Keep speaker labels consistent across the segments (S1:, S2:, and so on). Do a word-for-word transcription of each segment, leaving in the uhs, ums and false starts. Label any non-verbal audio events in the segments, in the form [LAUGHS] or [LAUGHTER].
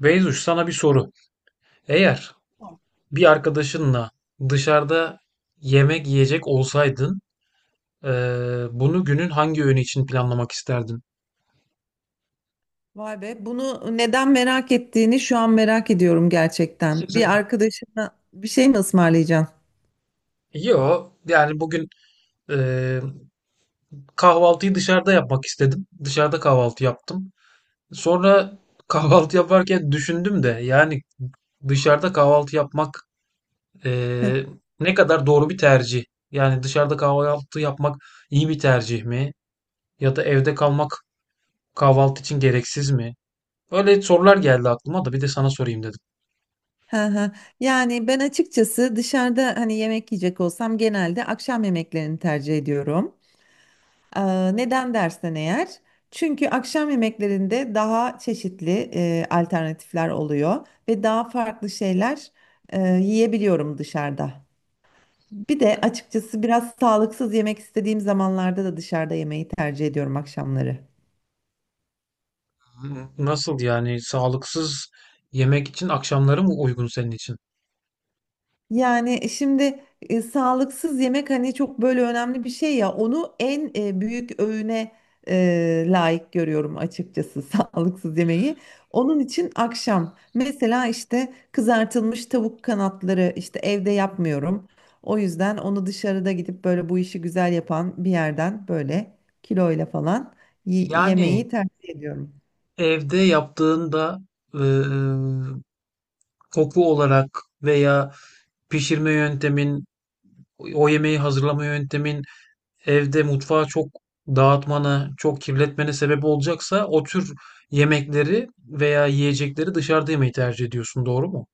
S1: Beyzuş, sana bir soru. Eğer bir arkadaşınla dışarıda yemek yiyecek olsaydın, eee, bunu günün hangi öğünü için planlamak isterdin?
S2: Vay be, bunu neden merak ettiğini şu an merak ediyorum gerçekten. Bir
S1: [LAUGHS]
S2: arkadaşına bir şey mi ısmarlayacaksın?
S1: Yo, yani bugün eee, kahvaltıyı dışarıda yapmak istedim. Dışarıda kahvaltı yaptım. Sonra [LAUGHS] kahvaltı yaparken düşündüm de yani dışarıda kahvaltı yapmak
S2: Hı.
S1: eee, ne kadar doğru bir tercih? Yani dışarıda kahvaltı yapmak iyi bir tercih mi? Ya da evde kalmak, kahvaltı için gereksiz mi? Öyle sorular geldi aklıma da bir de sana sorayım dedim.
S2: Hı hı. Yani ben açıkçası dışarıda hani yemek yiyecek olsam genelde akşam yemeklerini tercih ediyorum. Ee, neden dersen eğer? Çünkü akşam yemeklerinde daha çeşitli e, alternatifler oluyor ve daha farklı şeyler e, yiyebiliyorum dışarıda. Bir de açıkçası biraz sağlıksız yemek istediğim zamanlarda da dışarıda yemeği tercih ediyorum akşamları.
S1: Nasıl yani, sağlıksız yemek için akşamları mı uygun senin için?
S2: Yani e, şimdi e, sağlıksız yemek hani çok böyle önemli bir şey ya onu en e, büyük öğüne e, layık görüyorum açıkçası [LAUGHS] sağlıksız yemeği. Onun için akşam mesela işte kızartılmış tavuk kanatları işte evde yapmıyorum. O yüzden onu dışarıda gidip böyle bu işi güzel yapan bir yerden böyle kiloyla falan y-
S1: Yani
S2: yemeği tercih ediyorum.
S1: evde yaptığında eee, koku olarak veya pişirme yöntemin, o yemeği hazırlama yöntemin evde mutfağı çok dağıtmana, çok kirletmene sebep olacaksa o tür yemekleri veya yiyecekleri dışarıda yemeyi tercih ediyorsun, doğru mu?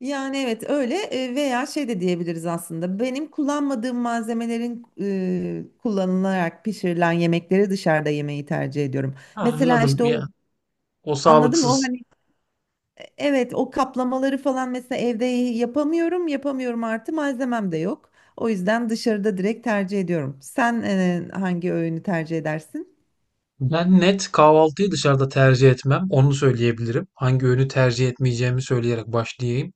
S2: Yani evet öyle e, veya şey de diyebiliriz aslında. Benim kullanmadığım malzemelerin e, kullanılarak pişirilen yemekleri dışarıda yemeyi tercih ediyorum.
S1: Ah,
S2: Mesela
S1: anladım
S2: işte o
S1: ya. O
S2: anladın mı? O
S1: sağlıksız
S2: hani evet o kaplamaları falan mesela evde yapamıyorum, yapamıyorum artı malzemem de yok. O yüzden dışarıda direkt tercih ediyorum. Sen e, hangi öğünü tercih edersin?
S1: Ben net kahvaltıyı dışarıda tercih etmem. Onu söyleyebilirim. Hangi öğünü tercih etmeyeceğimi söyleyerek başlayayım.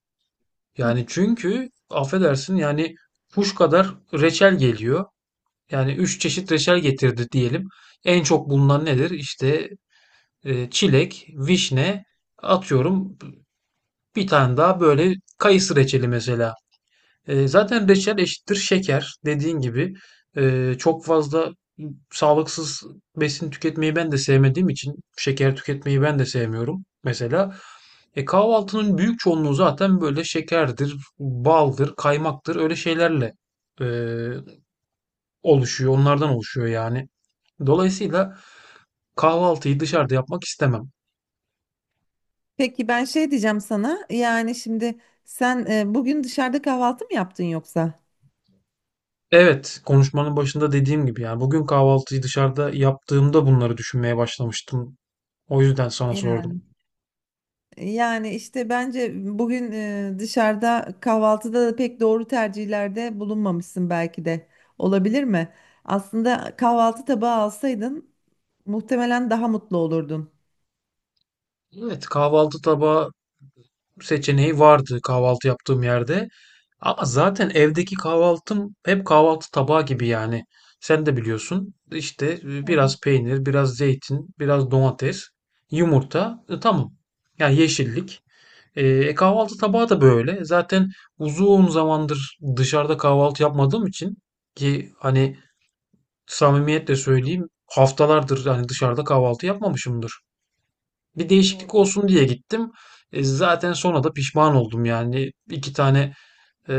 S2: Hı.
S1: Yani çünkü affedersin yani kuş kadar reçel geliyor. Yani üç çeşit reçel getirdi diyelim. En çok bulunan nedir? İşte e, çilek, vişne, atıyorum bir tane daha böyle kayısı reçeli mesela. E, zaten reçel eşittir şeker dediğin gibi. E, çok fazla sağlıksız besin tüketmeyi ben de sevmediğim için şeker tüketmeyi ben de sevmiyorum mesela. E, kahvaltının büyük çoğunluğu zaten böyle şekerdir, baldır, kaymaktır, öyle şeylerle e, oluşuyor. Onlardan oluşuyor yani. Dolayısıyla kahvaltıyı dışarıda yapmak istemem.
S2: Peki ben şey diyeceğim sana. Yani şimdi sen e, bugün dışarıda kahvaltı mı yaptın yoksa?
S1: Evet, konuşmanın başında dediğim gibi yani bugün kahvaltıyı dışarıda yaptığımda bunları düşünmeye başlamıştım. O yüzden sana sordum.
S2: Yani işte bence bugün e, dışarıda kahvaltıda da pek doğru tercihlerde bulunmamışsın belki de. Olabilir mi? Aslında kahvaltı tabağı alsaydın muhtemelen daha mutlu olurdun.
S1: Evet, kahvaltı tabağı seçeneği vardı kahvaltı yaptığım yerde. Ama zaten evdeki kahvaltım hep kahvaltı tabağı gibi yani. Sen de biliyorsun. İşte e, biraz peynir, biraz zeytin, biraz domates, yumurta. E, tamam. Yani yeşillik. E, e, kahvaltı tabağı da böyle. Zaten uzun zamandır dışarıda kahvaltı yapmadığım için, ki hani samimiyetle söyleyeyim haftalardır hani dışarıda kahvaltı yapmamışımdır, bir değişiklik
S2: Doğru.
S1: olsun diye gittim. E, zaten sonra da pişman oldum yani. İki tane e,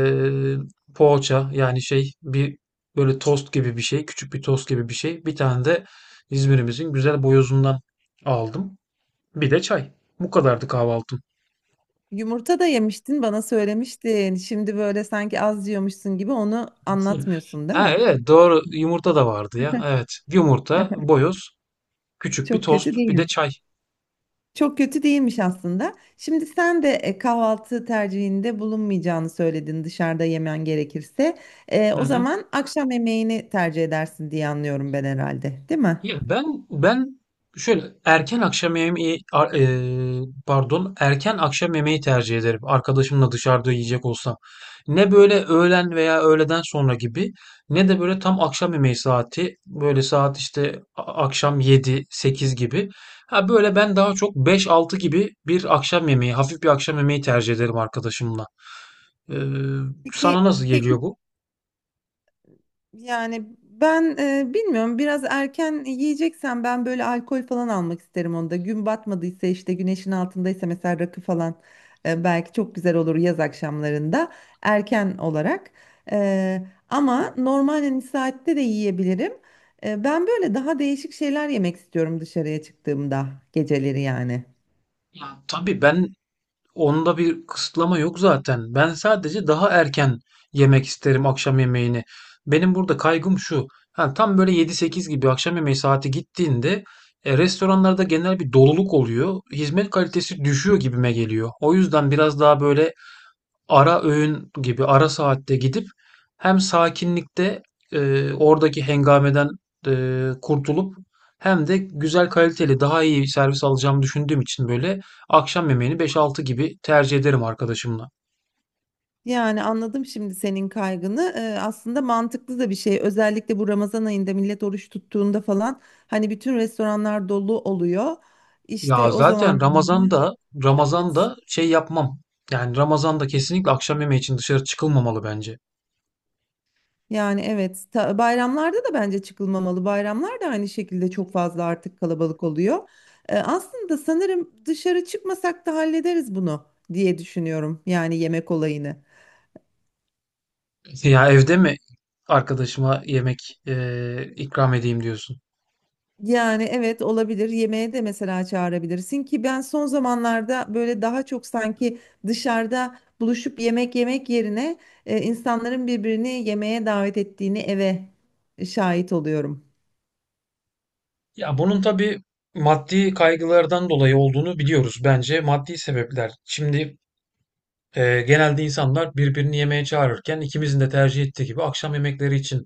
S1: poğaça, yani şey, bir böyle tost gibi bir şey. Küçük bir tost gibi bir şey. Bir tane de İzmir'imizin güzel boyozundan aldım. Bir de çay. Bu kadardı kahvaltım.
S2: Yumurta da yemiştin, bana söylemiştin. Şimdi böyle sanki az yiyormuşsun gibi onu
S1: [LAUGHS]
S2: anlatmıyorsun, değil
S1: Ha,
S2: mi?
S1: evet doğru, yumurta da vardı ya. Evet, yumurta,
S2: [LAUGHS]
S1: boyoz, küçük bir
S2: Çok kötü
S1: tost, bir de
S2: değilmiş.
S1: çay.
S2: Çok kötü değilmiş aslında. Şimdi sen de e, kahvaltı tercihinde bulunmayacağını söyledin dışarıda yemen gerekirse. E,
S1: Hı
S2: o
S1: hı.
S2: zaman akşam yemeğini tercih edersin diye anlıyorum ben herhalde, değil mi?
S1: Ya ben ben şöyle erken akşam yemeği ar- eee, pardon, erken akşam yemeği tercih ederim. Arkadaşımla dışarıda yiyecek olsam. Ne böyle öğlen veya öğleden sonra gibi, ne de böyle tam akşam yemeği saati. Böyle saat işte a- akşam yedi sekiz gibi. Ha böyle, ben daha çok beş altı gibi bir akşam yemeği, hafif bir akşam yemeği tercih ederim arkadaşımla. Eee, Sana
S2: Peki,
S1: nasıl geliyor
S2: peki.
S1: bu?
S2: Yani ben e, bilmiyorum biraz erken yiyeceksen ben böyle alkol falan almak isterim onda. Gün batmadıysa işte güneşin altındaysa mesela rakı falan e, belki çok güzel olur yaz akşamlarında erken olarak. E, Ama normal hani saatte de yiyebilirim. E, ben böyle daha değişik şeyler yemek istiyorum dışarıya çıktığımda geceleri yani.
S1: Ya tabii ben, onda bir kısıtlama yok zaten. Ben sadece daha erken yemek isterim akşam yemeğini. Benim burada kaygım şu. Ha, tam böyle yedi sekiz gibi akşam yemeği saati gittiğinde e, restoranlarda genel bir doluluk oluyor. Hizmet kalitesi düşüyor gibime geliyor. O yüzden biraz daha böyle ara öğün gibi ara saatte gidip, hem sakinlikte e, oradaki hengameden e, kurtulup hem de güzel, kaliteli, daha iyi servis alacağımı düşündüğüm için böyle akşam yemeğini beş altı gibi tercih ederim arkadaşımla.
S2: Yani anladım şimdi senin kaygını. Ee, aslında mantıklı da bir şey. Özellikle bu Ramazan ayında millet oruç tuttuğunda falan hani bütün restoranlar dolu oluyor.
S1: Ya
S2: İşte o
S1: zaten
S2: zaman
S1: Ramazan'da
S2: evet.
S1: Ramazan'da şey yapmam. Yani Ramazan'da kesinlikle akşam yemeği için dışarı çıkılmamalı bence.
S2: Yani evet ta- bayramlarda da bence çıkılmamalı. Bayramlar da aynı şekilde çok fazla artık kalabalık oluyor. Ee, aslında sanırım dışarı çıkmasak da hallederiz bunu diye düşünüyorum. Yani yemek olayını.
S1: [LAUGHS] Ya evde mi arkadaşıma yemek e, ikram edeyim diyorsun?
S2: Yani evet olabilir. Yemeğe de mesela çağırabilirsin ki ben son zamanlarda böyle daha çok sanki dışarıda buluşup yemek yemek yerine e, insanların birbirini yemeğe davet ettiğini eve şahit oluyorum.
S1: Ya bunun tabii maddi kaygılardan dolayı olduğunu biliyoruz bence. Maddi sebepler. Şimdi e, genelde insanlar birbirini yemeğe çağırırken ikimizin de tercih ettiği gibi akşam yemekleri için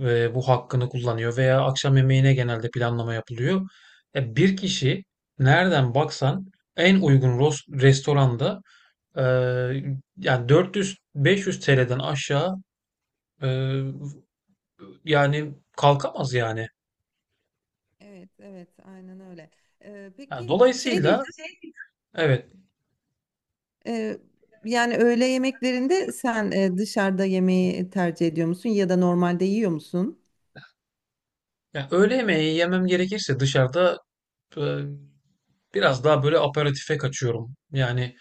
S1: e, bu hakkını kullanıyor veya akşam yemeğine genelde planlama yapılıyor. E, bir kişi nereden baksan en uygun ros- restoranda e, yani dört yüz beş yüz T L'den aşağı e, yani kalkamaz yani.
S2: Evet, evet, aynen öyle. Ee,
S1: Yani
S2: peki şey
S1: dolayısıyla
S2: diyeceğim.
S1: evet.
S2: Ee, Yani öğle yemeklerinde sen e, dışarıda yemeği tercih ediyor musun ya da normalde yiyor musun?
S1: Ya öğle yemeği yemem gerekirse dışarıda e, biraz daha böyle aperatife kaçıyorum. Yani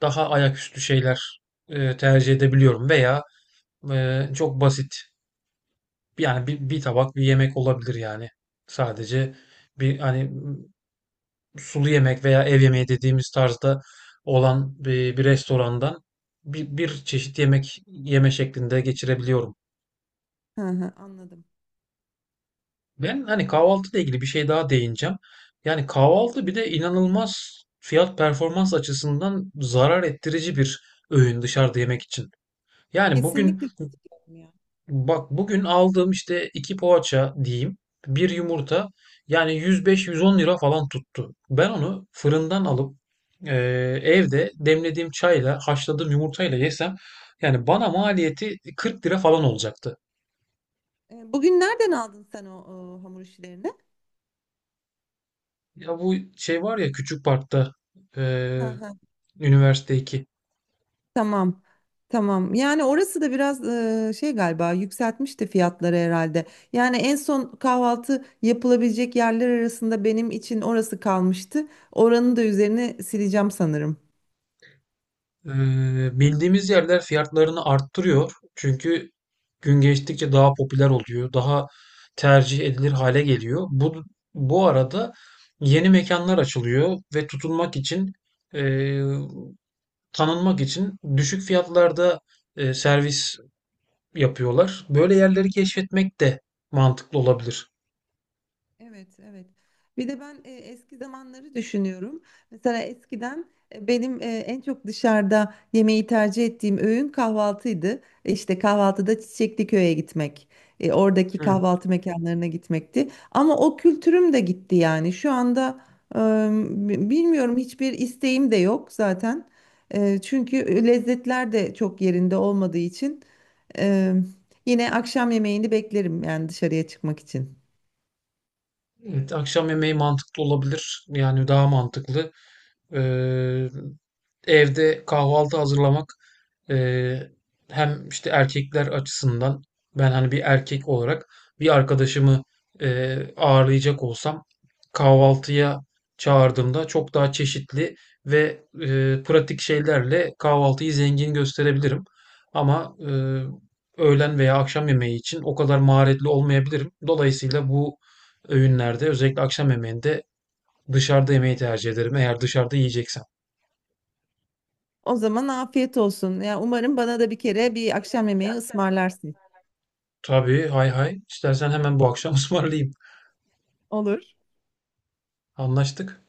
S1: daha ayaküstü şeyler e, tercih edebiliyorum veya e, çok basit yani bir, bir tabak bir yemek olabilir yani. Sadece bir, hani m, sulu yemek veya ev yemeği dediğimiz tarzda olan bir, bir restorandan bir, bir çeşit yemek yeme şeklinde geçirebiliyorum.
S2: Hı hı, anladım.
S1: Ben hani kahvaltıyla ilgili bir şey daha değineceğim. Yani kahvaltı bir de inanılmaz fiyat performans açısından zarar ettirici bir öğün dışarıda yemek için. Yani bugün,
S2: Kesinlikle katılıyorum ya.
S1: bak bugün aldığım işte iki poğaça diyeyim, bir yumurta yani yüz beş yüz on lira falan tuttu. Ben onu fırından alıp e, evde demlediğim çayla haşladığım yumurtayla yesem yani bana maliyeti kırk lira falan olacaktı.
S2: Ee, bugün nereden aldın sen o, o hamur işlerini?
S1: Ya bu şey var ya, Küçük Park'ta e, Üniversite iki.
S2: Tamam. Tamam. Yani orası da biraz e, şey galiba yükseltmişti fiyatları herhalde. Yani en son kahvaltı yapılabilecek yerler arasında benim için orası kalmıştı. Oranın da üzerine sileceğim sanırım.
S1: Ee, Bildiğimiz yerler fiyatlarını arttırıyor. Çünkü gün geçtikçe daha popüler oluyor. Daha tercih edilir hale geliyor. Bu, bu arada yeni mekanlar açılıyor ve tutunmak için e, tanınmak için düşük fiyatlarda e, servis yapıyorlar. Böyle yerleri keşfetmek de mantıklı olabilir.
S2: Evet, evet. Bir de ben e, eski zamanları düşünüyorum. Mesela eskiden e, benim e, en çok dışarıda yemeği tercih ettiğim öğün kahvaltıydı. E, İşte kahvaltıda çiçekli köye gitmek, e, oradaki
S1: Hı.
S2: kahvaltı mekanlarına gitmekti. Ama o kültürüm de gitti yani. Şu anda e, b- bilmiyorum hiçbir isteğim de yok zaten. E, çünkü e, lezzetler de çok yerinde olmadığı için e, yine akşam yemeğini beklerim yani dışarıya çıkmak için.
S1: Evet, akşam yemeği mantıklı olabilir. Yani daha mantıklı. Ee, Evde kahvaltı hazırlamak, Eee, hem işte erkekler açısından, ben hani bir erkek olarak bir arkadaşımı eee, ağırlayacak olsam kahvaltıya çağırdığımda çok daha çeşitli ve eee, pratik şeylerle kahvaltıyı zengin gösterebilirim. Ama eee, öğlen veya akşam yemeği için o kadar maharetli olmayabilirim. Dolayısıyla bu öğünlerde, özellikle akşam yemeğinde, dışarıda yemeği tercih ederim eğer dışarıda yiyeceksem.
S2: O zaman afiyet olsun. Ya umarım bana da bir kere bir akşam yemeği ısmarlarsın.
S1: Tabii, hay hay, istersen hemen bu akşam [LAUGHS] ısmarlayayım.
S2: Olur.
S1: Anlaştık.